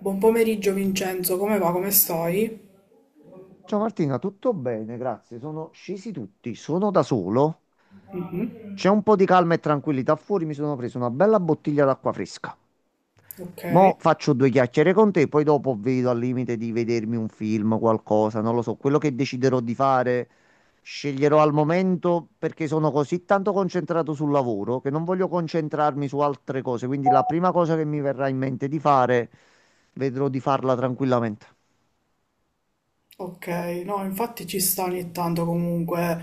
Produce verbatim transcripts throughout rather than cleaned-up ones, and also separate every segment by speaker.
Speaker 1: Buon pomeriggio Vincenzo, come va? Come stai?
Speaker 2: Ciao Martina, tutto bene, grazie. Sono scesi tutti, sono da solo.
Speaker 1: Mhm,
Speaker 2: C'è un po' di calma e tranquillità fuori, mi sono preso una bella bottiglia d'acqua fresca.
Speaker 1: Ok,
Speaker 2: Mo' faccio due chiacchiere con te, poi dopo vedo al limite di vedermi un film, qualcosa, non lo so, quello che deciderò di fare, sceglierò al momento perché sono così tanto concentrato sul lavoro che non voglio concentrarmi su altre cose, quindi la prima cosa che mi verrà in mente di fare, vedrò di farla tranquillamente.
Speaker 1: ok, no, infatti ci sta ogni tanto comunque,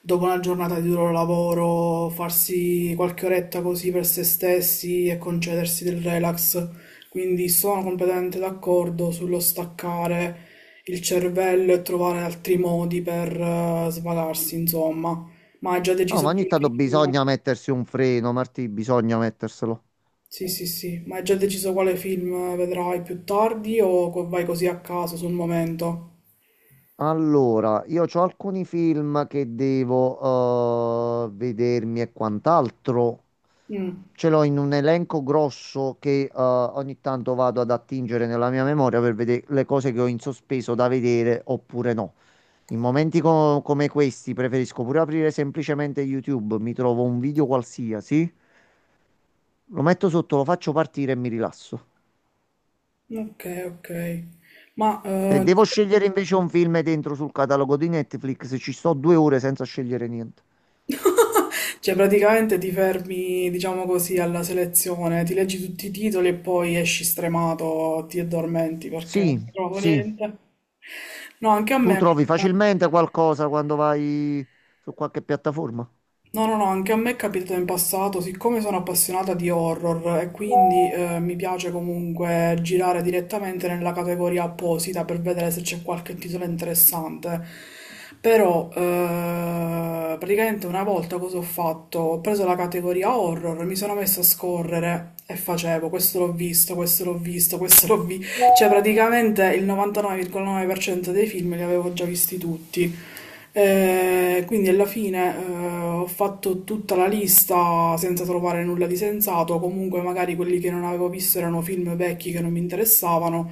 Speaker 1: dopo una giornata di duro lavoro, farsi qualche oretta così per se stessi e concedersi del relax. Quindi sono completamente d'accordo sullo staccare il cervello e trovare altri modi per eh, svagarsi, insomma. Ma hai già
Speaker 2: No, ma
Speaker 1: deciso per
Speaker 2: ogni
Speaker 1: il
Speaker 2: tanto
Speaker 1: film?
Speaker 2: bisogna mettersi un freno, Martì, bisogna metterselo.
Speaker 1: Sì, sì, sì, ma hai già deciso quale film vedrai più tardi o co- vai così a caso sul momento?
Speaker 2: Allora, io ho alcuni film che devo eh, vedermi e quant'altro.
Speaker 1: Mm,
Speaker 2: Ce l'ho in un elenco grosso che eh, ogni tanto vado ad attingere nella mia memoria per vedere le cose che ho in sospeso da vedere oppure no. In momenti co- come questi preferisco pure aprire semplicemente YouTube, mi trovo un video qualsiasi, lo metto sotto, lo faccio partire e mi rilasso.
Speaker 1: Ok, ok. Ma
Speaker 2: Se
Speaker 1: eh,
Speaker 2: devo scegliere invece un film dentro sul catalogo di Netflix, ci sto due ore senza scegliere niente.
Speaker 1: cioè praticamente ti fermi, diciamo così, alla selezione, ti leggi tutti i titoli e poi esci stremato, ti addormenti perché
Speaker 2: Sì,
Speaker 1: non hai trovato
Speaker 2: sì,
Speaker 1: niente. No, anche a
Speaker 2: tu
Speaker 1: me.
Speaker 2: trovi facilmente qualcosa quando vai su qualche piattaforma.
Speaker 1: No, no, no, anche a me è capitato in passato, siccome sono appassionata di horror e quindi eh, mi piace comunque girare direttamente nella categoria apposita per vedere se c'è qualche titolo interessante. Però eh, praticamente una volta cosa ho fatto? Ho preso la categoria horror, mi sono messa a scorrere e facevo questo l'ho visto, questo l'ho visto, questo l'ho visto. Cioè, praticamente il novantanove virgola nove per cento dei film li avevo già visti tutti. Eh, quindi alla fine eh, ho fatto tutta la lista senza trovare nulla di sensato. Comunque, magari quelli che non avevo visto erano film vecchi che non mi interessavano.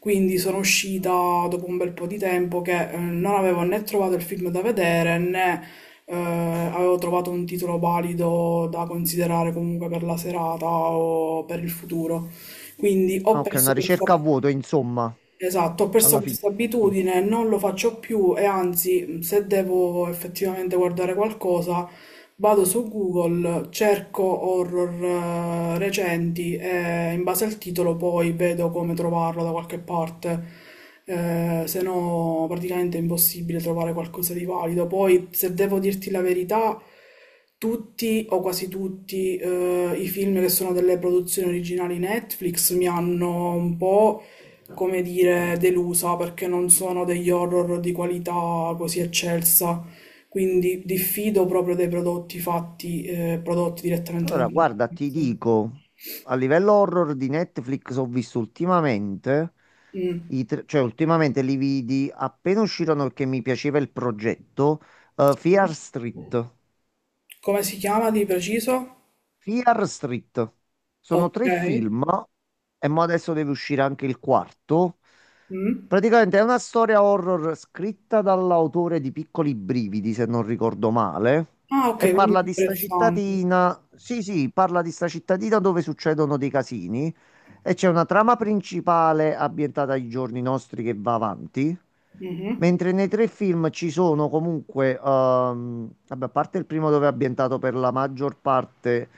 Speaker 1: Quindi sono uscita dopo un bel po' di tempo che eh, non avevo né trovato il film da vedere né eh, avevo trovato un titolo valido da considerare comunque per la serata o per il futuro. Quindi ho
Speaker 2: Ah, ok,
Speaker 1: perso
Speaker 2: una
Speaker 1: questa...
Speaker 2: ricerca a vuoto, insomma,
Speaker 1: Esatto, ho perso
Speaker 2: alla fine.
Speaker 1: questa abitudine, non lo faccio più e anzi, se devo effettivamente guardare qualcosa, vado su Google, cerco horror eh, recenti e in base al titolo poi vedo come trovarlo da qualche parte. Eh, se no, praticamente è impossibile trovare qualcosa di valido. Poi, se devo dirti la verità, tutti o quasi tutti eh, i film che sono delle produzioni originali Netflix mi hanno un po' come dire, delusa perché non sono degli horror di qualità così eccelsa, quindi diffido proprio dei prodotti fatti, eh, prodotti direttamente da
Speaker 2: Allora, guarda, ti
Speaker 1: Netflix.
Speaker 2: dico, a livello horror di Netflix ho visto ultimamente,
Speaker 1: Mm,
Speaker 2: i tre- cioè ultimamente li vidi appena uscirono perché mi piaceva il progetto, eh,
Speaker 1: Sì.
Speaker 2: Fear Street.
Speaker 1: Come si chiama di preciso?
Speaker 2: Fear Street. Sono
Speaker 1: Ok.
Speaker 2: tre film e mo adesso deve uscire anche il quarto.
Speaker 1: Mm.
Speaker 2: Praticamente è una storia horror scritta dall'autore di Piccoli Brividi, se non ricordo male,
Speaker 1: Ah, ok,
Speaker 2: e
Speaker 1: quindi è
Speaker 2: parla di sta
Speaker 1: interessante.
Speaker 2: cittadina. Sì, sì, parla di sta cittadina dove succedono dei casini e c'è una trama principale ambientata ai giorni nostri che va avanti.
Speaker 1: Mhm.
Speaker 2: Mentre nei tre film ci sono comunque, ehm, vabbè, a parte il primo dove è ambientato per la maggior parte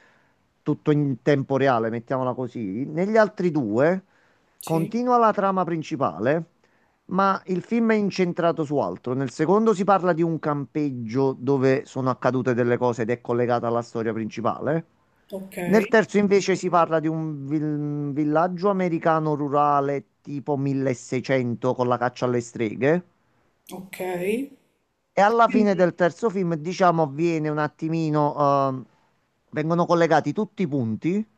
Speaker 2: tutto in tempo reale, mettiamola così, negli altri due
Speaker 1: Sì,
Speaker 2: continua la trama principale, ma il film è incentrato su altro. Nel secondo si parla di un campeggio dove sono accadute delle cose ed è collegata alla storia principale.
Speaker 1: ok,
Speaker 2: Nel terzo invece si parla di un vil- villaggio americano rurale tipo milleseicento con la caccia alle streghe.
Speaker 1: ok.
Speaker 2: E alla fine
Speaker 1: Quindi.
Speaker 2: del terzo film, diciamo, avviene un attimino, ehm, vengono collegati tutti i punti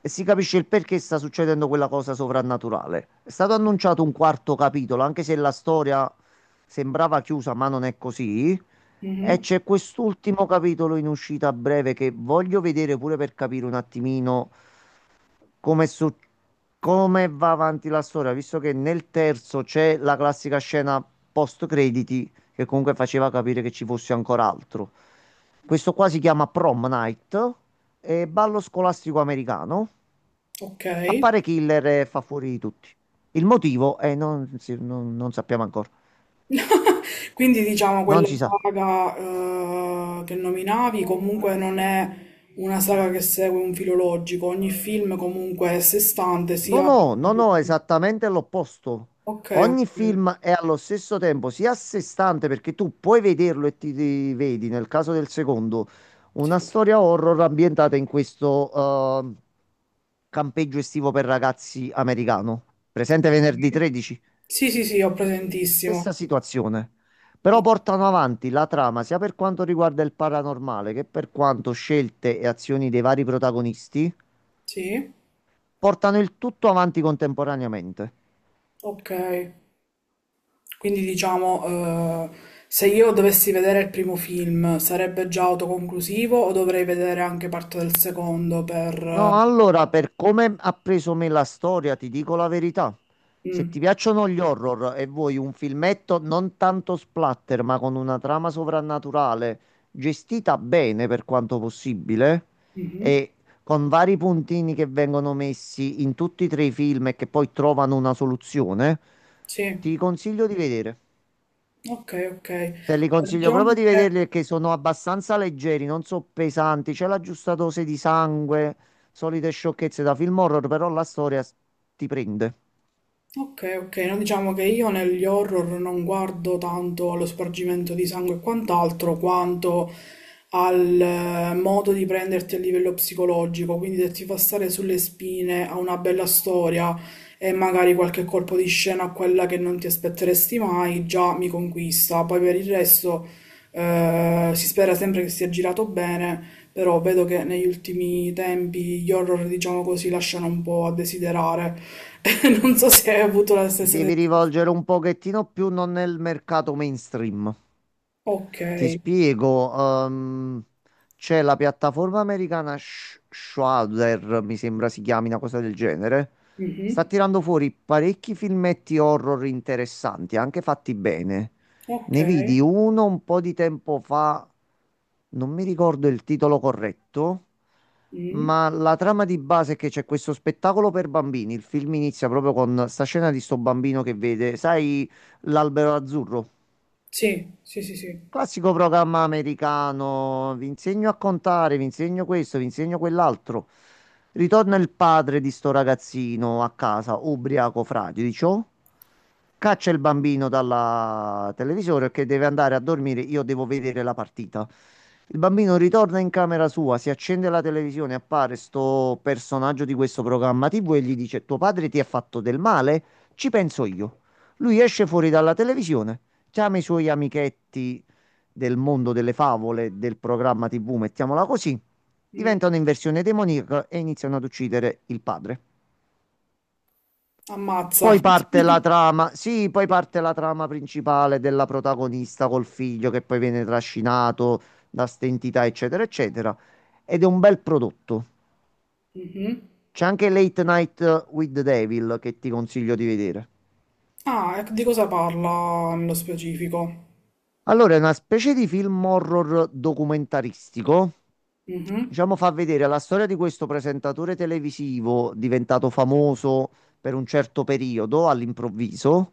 Speaker 2: e si capisce il perché sta succedendo quella cosa sovrannaturale. È stato annunciato un quarto capitolo, anche se la storia sembrava chiusa, ma non è così. E
Speaker 1: Mhm.
Speaker 2: c'è quest'ultimo capitolo in uscita a breve che voglio vedere pure per capire un attimino come, su- come va avanti la storia, visto che nel terzo c'è la classica scena post crediti che comunque faceva capire che ci fosse ancora altro. Questo qua si chiama Prom Night, è ballo scolastico americano.
Speaker 1: Ok.
Speaker 2: Appare Killer e fa fuori di tutti. Il motivo è non, si- non- non sappiamo ancora.
Speaker 1: Quindi diciamo
Speaker 2: Non
Speaker 1: quella
Speaker 2: si sa.
Speaker 1: saga eh, che nominavi comunque non è una saga che segue un filo logico, ogni film comunque è a sé stante, si
Speaker 2: No,
Speaker 1: apre.
Speaker 2: no, no, no, esattamente l'opposto.
Speaker 1: Ok,
Speaker 2: Ogni
Speaker 1: ok.
Speaker 2: film è allo stesso tempo sia a sé stante perché tu puoi vederlo e ti, ti vedi, nel caso del secondo,
Speaker 1: Sì.
Speaker 2: una storia horror ambientata in questo eh, campeggio estivo per ragazzi americano. Presente venerdì tredici?
Speaker 1: Sì, sì, sì, ho presentissimo.
Speaker 2: Stessa situazione. Però portano avanti la trama sia per quanto riguarda il paranormale che per quanto scelte e azioni dei vari protagonisti,
Speaker 1: Sì,
Speaker 2: portano il tutto avanti contemporaneamente.
Speaker 1: ok. Quindi diciamo, eh, se io dovessi vedere il primo film, sarebbe già autoconclusivo o dovrei vedere anche parte del secondo per...
Speaker 2: No,
Speaker 1: eh,
Speaker 2: allora, per come ha preso me la storia, ti dico la verità. Se
Speaker 1: mm,
Speaker 2: ti piacciono gli horror e vuoi un filmetto non tanto splatter, ma con una trama sovrannaturale gestita bene per quanto possibile
Speaker 1: mhm,
Speaker 2: e con vari puntini che vengono messi in tutti e tre i film e che poi trovano una soluzione,
Speaker 1: Sì.
Speaker 2: ti consiglio di vedere.
Speaker 1: Ok, ok. Allora,
Speaker 2: Te li consiglio proprio
Speaker 1: Diciamo
Speaker 2: di
Speaker 1: che,
Speaker 2: vederli perché sono abbastanza leggeri, non so pesanti, c'è la giusta dose di sangue, solite sciocchezze da film horror, però la storia s- ti prende.
Speaker 1: ok, ok, no, diciamo che io negli horror non guardo tanto allo spargimento di sangue e quant'altro, quanto al eh, modo di prenderti a livello psicologico, quindi se ti fa stare sulle spine a una bella storia e magari qualche colpo di scena a quella che non ti aspetteresti mai, già mi conquista. Poi per il resto eh, si spera sempre che sia girato bene. Però vedo che negli ultimi tempi gli horror, diciamo così, lasciano un po' a desiderare. Non so se hai avuto la
Speaker 2: Ti
Speaker 1: stessa
Speaker 2: devi
Speaker 1: sensazione.
Speaker 2: rivolgere un pochettino più non nel mercato mainstream.
Speaker 1: Ok.
Speaker 2: Ti spiego, ehm, c'è la piattaforma americana Sh- Shudder, mi sembra si chiami, una cosa del genere. Sta
Speaker 1: Mhm.
Speaker 2: tirando fuori parecchi filmetti horror interessanti, anche fatti bene.
Speaker 1: Ok.
Speaker 2: Ne vidi uno un po' di tempo fa, non mi ricordo il titolo corretto,
Speaker 1: Mm.
Speaker 2: ma la trama di base è che c'è questo spettacolo per bambini. Il film inizia proprio con sta scena di sto bambino che vede, sai, l'albero azzurro?
Speaker 1: Sì, sì, sì, sì.
Speaker 2: Classico programma americano, vi insegno a contare, vi insegno questo, vi insegno quell'altro. Ritorna il padre di sto ragazzino a casa, ubriaco fradicio, caccia il bambino dalla televisione che deve andare a dormire, io devo vedere la partita. Il bambino ritorna in camera sua, si accende la televisione, appare sto personaggio di questo programma T V e gli dice: tuo padre ti ha fatto del male? Ci penso io. Lui esce fuori dalla televisione, chiama i suoi amichetti del mondo delle favole, del programma T V, mettiamola così,
Speaker 1: Mm.
Speaker 2: diventano in versione demoniaca e iniziano ad uccidere il padre.
Speaker 1: Ammazza.
Speaker 2: Poi parte la trama, sì, poi parte la trama principale della protagonista col figlio che poi viene trascinato da ste entità, eccetera, eccetera. Ed è un bel prodotto.
Speaker 1: Mhm.
Speaker 2: C'è anche Late Night with the Devil che ti consiglio di vedere.
Speaker 1: Ah, e di cosa parla nello specifico?
Speaker 2: Allora, è una specie di film horror documentaristico.
Speaker 1: Mhm.
Speaker 2: Diciamo, fa vedere la storia di questo presentatore televisivo diventato famoso per un certo periodo all'improvviso,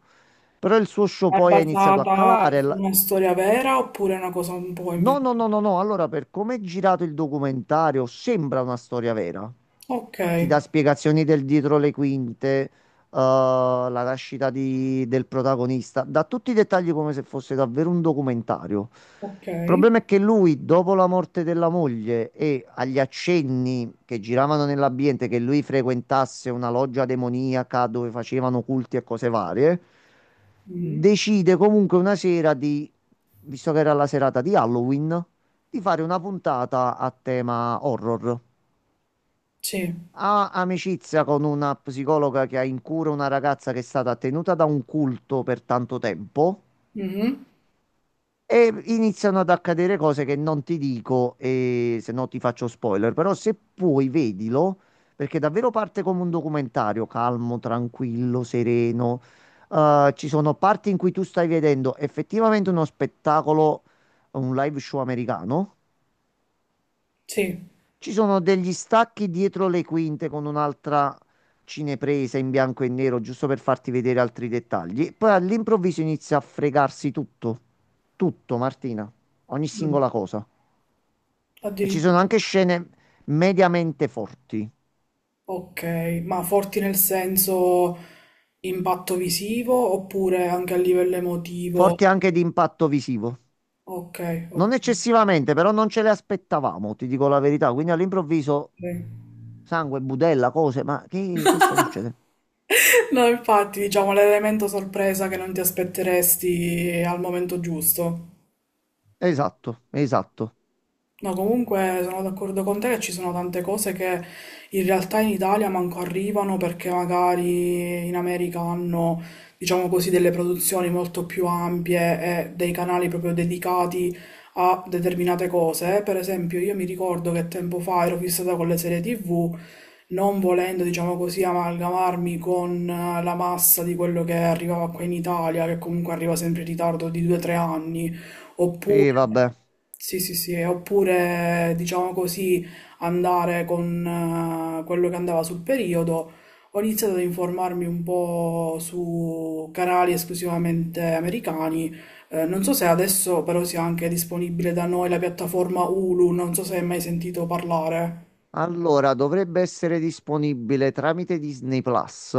Speaker 2: però il suo show
Speaker 1: È
Speaker 2: poi ha iniziato a
Speaker 1: basata
Speaker 2: calare.
Speaker 1: su
Speaker 2: la-
Speaker 1: una storia vera oppure è una cosa un po'
Speaker 2: No,
Speaker 1: inventata?
Speaker 2: no, no, no, no. Allora, per come è girato il documentario, sembra una storia vera.
Speaker 1: Ok,
Speaker 2: Ti dà spiegazioni del dietro le quinte, eh, la nascita di- del protagonista, dà tutti i dettagli come se fosse davvero un documentario.
Speaker 1: ok.
Speaker 2: Il problema è che lui, dopo la morte della moglie e agli accenni che giravano nell'ambiente che lui frequentasse una loggia demoniaca dove facevano culti e cose varie,
Speaker 1: Mm.
Speaker 2: decide comunque una sera di, visto che era la serata di Halloween, di fare una puntata a tema horror.
Speaker 1: Sì.
Speaker 2: Ha amicizia con una psicologa che ha in cura una ragazza che è stata tenuta da un culto per tanto tempo
Speaker 1: Mhm.
Speaker 2: e iniziano ad accadere cose che non ti dico e se no ti faccio spoiler, però se puoi vedilo perché davvero parte come un documentario, calmo, tranquillo, sereno. Eh, ci sono parti in cui tu stai vedendo effettivamente uno spettacolo, un live show americano.
Speaker 1: Sì.
Speaker 2: Ci sono degli stacchi dietro le quinte con un'altra cinepresa in bianco e nero, giusto per farti vedere altri dettagli. Poi all'improvviso inizia a fregarsi tutto, tutto, Martina, ogni
Speaker 1: Mm.
Speaker 2: singola cosa. E ci sono
Speaker 1: Addirittura.
Speaker 2: anche scene mediamente forti,
Speaker 1: Ok, ma forti nel senso impatto visivo oppure anche a livello emotivo?
Speaker 2: forti anche di impatto visivo.
Speaker 1: Ok,
Speaker 2: Non
Speaker 1: ok.
Speaker 2: eccessivamente, però non ce le aspettavamo, ti dico la verità. Quindi all'improvviso
Speaker 1: ok.
Speaker 2: sangue, budella, cose, ma che, che sta succedendo?
Speaker 1: No, infatti, diciamo l'elemento sorpresa che non ti aspetteresti al momento giusto.
Speaker 2: Esatto, esatto.
Speaker 1: No, comunque sono d'accordo con te che ci sono tante cose che in realtà in Italia manco arrivano perché magari in America hanno, diciamo così, delle produzioni molto più ampie e dei canali proprio dedicati a determinate cose. Per esempio, io mi ricordo che tempo fa ero fissata con le serie tivù, non volendo, diciamo così, amalgamarmi con eh, la massa di quello che arrivava qua in Italia, che comunque arriva sempre in ritardo di due tre anni,
Speaker 2: Sì,
Speaker 1: oppure...
Speaker 2: vabbè.
Speaker 1: Sì, sì, sì, e oppure diciamo così andare con eh, quello che andava sul periodo. Ho iniziato ad informarmi un po' su canali esclusivamente americani. Eh, non so se adesso però sia anche disponibile da noi la piattaforma Hulu, non so se hai mai sentito parlare.
Speaker 2: Allora, dovrebbe essere disponibile tramite Disney Plus,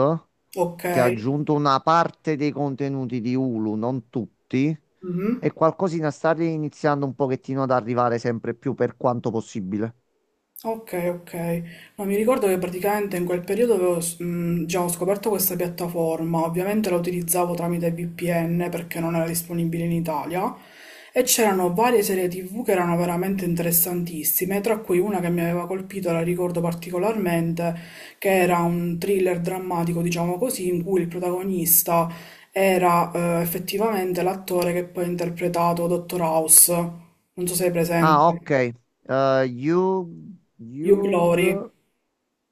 Speaker 1: Ok.
Speaker 2: che ha aggiunto una parte dei contenuti di Hulu, non tutti,
Speaker 1: Mhm.
Speaker 2: e qualcosina sta iniziando un pochettino ad arrivare sempre più per quanto possibile.
Speaker 1: Ok, ok. No, mi ricordo che praticamente in quel periodo avevo, s- mh, già ho scoperto questa piattaforma, ovviamente la utilizzavo tramite V P N perché non era disponibile in Italia e c'erano varie serie T V che erano veramente interessantissime, tra cui una che mi aveva colpito, la ricordo particolarmente, che era un thriller drammatico, diciamo così, in cui il protagonista era eh, effettivamente l'attore che poi ha interpretato Dottor House, non so se è
Speaker 2: Ah,
Speaker 1: presente,
Speaker 2: ok. Eh, Yug,
Speaker 1: Hugh Glory.
Speaker 2: Yug-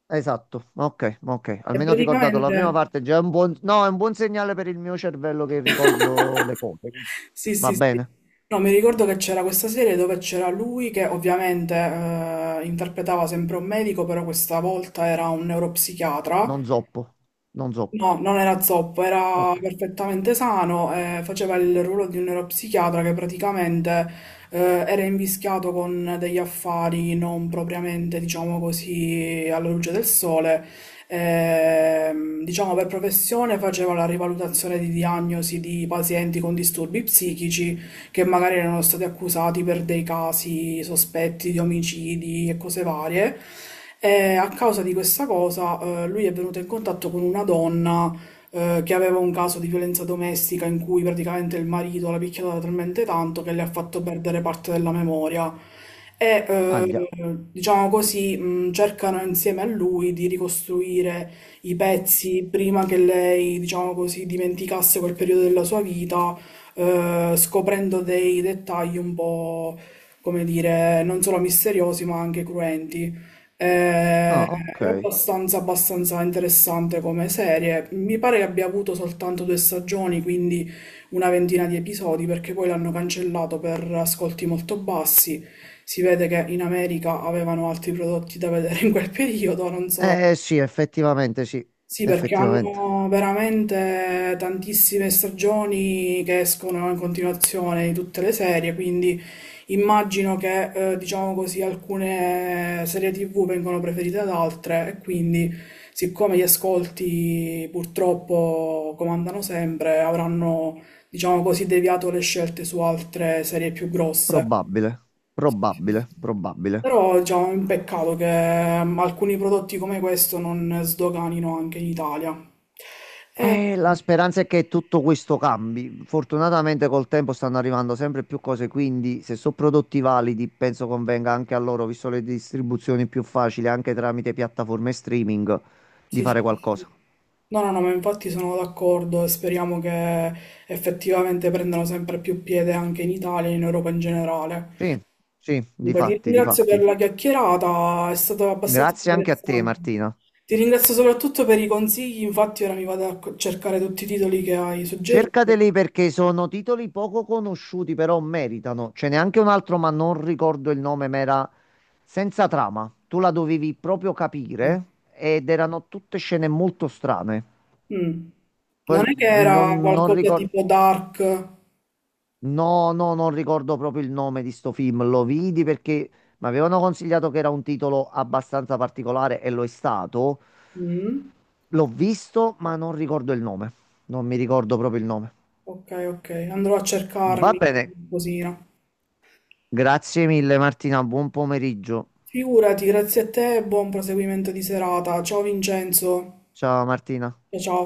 Speaker 2: Esatto, ok, ok.
Speaker 1: E
Speaker 2: Almeno ho ricordato la
Speaker 1: praticamente...
Speaker 2: prima parte, già è un buon... No, è un buon segnale per il mio cervello che ricordo le cose.
Speaker 1: Sì, sì,
Speaker 2: Va
Speaker 1: sì.
Speaker 2: bene,
Speaker 1: No, mi ricordo che c'era questa serie dove c'era lui che ovviamente eh, interpretava sempre un medico, però questa volta era un neuropsichiatra
Speaker 2: non zoppo, non zoppo.
Speaker 1: No, non era zoppo, era
Speaker 2: Ok,
Speaker 1: perfettamente sano, eh, faceva il ruolo di un neuropsichiatra che praticamente eh, era invischiato con degli affari non propriamente, diciamo così, alla luce del sole. Ehm, diciamo per professione faceva la rivalutazione di diagnosi di pazienti con disturbi psichici che magari erano stati accusati per dei casi sospetti di omicidi e cose varie. E a causa di questa cosa, eh, lui è venuto in contatto con una donna, eh, che aveva un caso di violenza domestica in cui praticamente il marito l'ha picchiata talmente tanto che le ha fatto perdere parte della memoria. E,
Speaker 2: aglia.
Speaker 1: eh, diciamo così, mh, cercano insieme a lui di ricostruire i pezzi prima che lei, diciamo così, dimenticasse quel periodo della sua vita eh, scoprendo dei dettagli un po', come dire, non solo misteriosi ma anche cruenti. Eh,
Speaker 2: Ah, ok.
Speaker 1: È abbastanza, abbastanza interessante come serie. Mi pare che abbia avuto soltanto due stagioni, quindi una ventina di episodi, perché poi l'hanno cancellato per ascolti molto bassi. Si vede che in America avevano altri prodotti da vedere in quel periodo, non so
Speaker 2: Eh sì, effettivamente sì,
Speaker 1: sì, perché
Speaker 2: effettivamente.
Speaker 1: hanno veramente tantissime stagioni che escono in continuazione di tutte le serie, quindi immagino che, eh, diciamo così, alcune serie T V vengono preferite ad altre e quindi, siccome gli ascolti purtroppo comandano sempre, avranno, diciamo così, deviato le scelte su altre serie più grosse.
Speaker 2: Probabile, probabile, probabile.
Speaker 1: Però già è un peccato che ehm, alcuni prodotti come questo non sdoganino anche in Italia. Eh,
Speaker 2: E la speranza è che tutto questo cambi. Fortunatamente col tempo stanno arrivando sempre più cose, quindi se sono prodotti validi, penso convenga anche a loro, visto le distribuzioni più facili, anche tramite piattaforme streaming, di
Speaker 1: sì, sì.
Speaker 2: fare
Speaker 1: sì,
Speaker 2: qualcosa.
Speaker 1: sì. No, no, no, ma infatti sono d'accordo e speriamo che effettivamente prendano sempre più piede anche in Italia e in Europa in generale.
Speaker 2: Sì, sì, di
Speaker 1: Comunque, ti
Speaker 2: fatti, di
Speaker 1: ringrazio per
Speaker 2: fatti.
Speaker 1: la chiacchierata, è stato abbastanza
Speaker 2: Grazie anche a te,
Speaker 1: interessante.
Speaker 2: Martina.
Speaker 1: Ti ringrazio soprattutto per i consigli, infatti ora mi vado a cercare tutti i titoli che hai suggerito.
Speaker 2: Cercateli perché sono titoli poco conosciuti, però meritano. Ce n'è anche un altro, ma non ricordo il nome, ma era senza trama. Tu la dovevi proprio
Speaker 1: Sì.
Speaker 2: capire ed erano tutte scene molto strane.
Speaker 1: Mm. Non
Speaker 2: Poi
Speaker 1: è che era
Speaker 2: non, non
Speaker 1: qualcosa
Speaker 2: ricordo,
Speaker 1: tipo dark?
Speaker 2: no, no, non ricordo proprio il nome di sto film. Lo vidi perché mi avevano consigliato che era un titolo abbastanza particolare e lo è stato.
Speaker 1: Mm.
Speaker 2: L'ho visto, ma non ricordo il nome. Non mi ricordo proprio il nome.
Speaker 1: Ok, ok, andrò a
Speaker 2: Va
Speaker 1: cercarmi
Speaker 2: bene.
Speaker 1: qualcosina.
Speaker 2: Grazie mille Martina, buon pomeriggio.
Speaker 1: Figurati, grazie a te e buon proseguimento di serata. Ciao Vincenzo.
Speaker 2: Ciao Martina.
Speaker 1: Ciao ciao.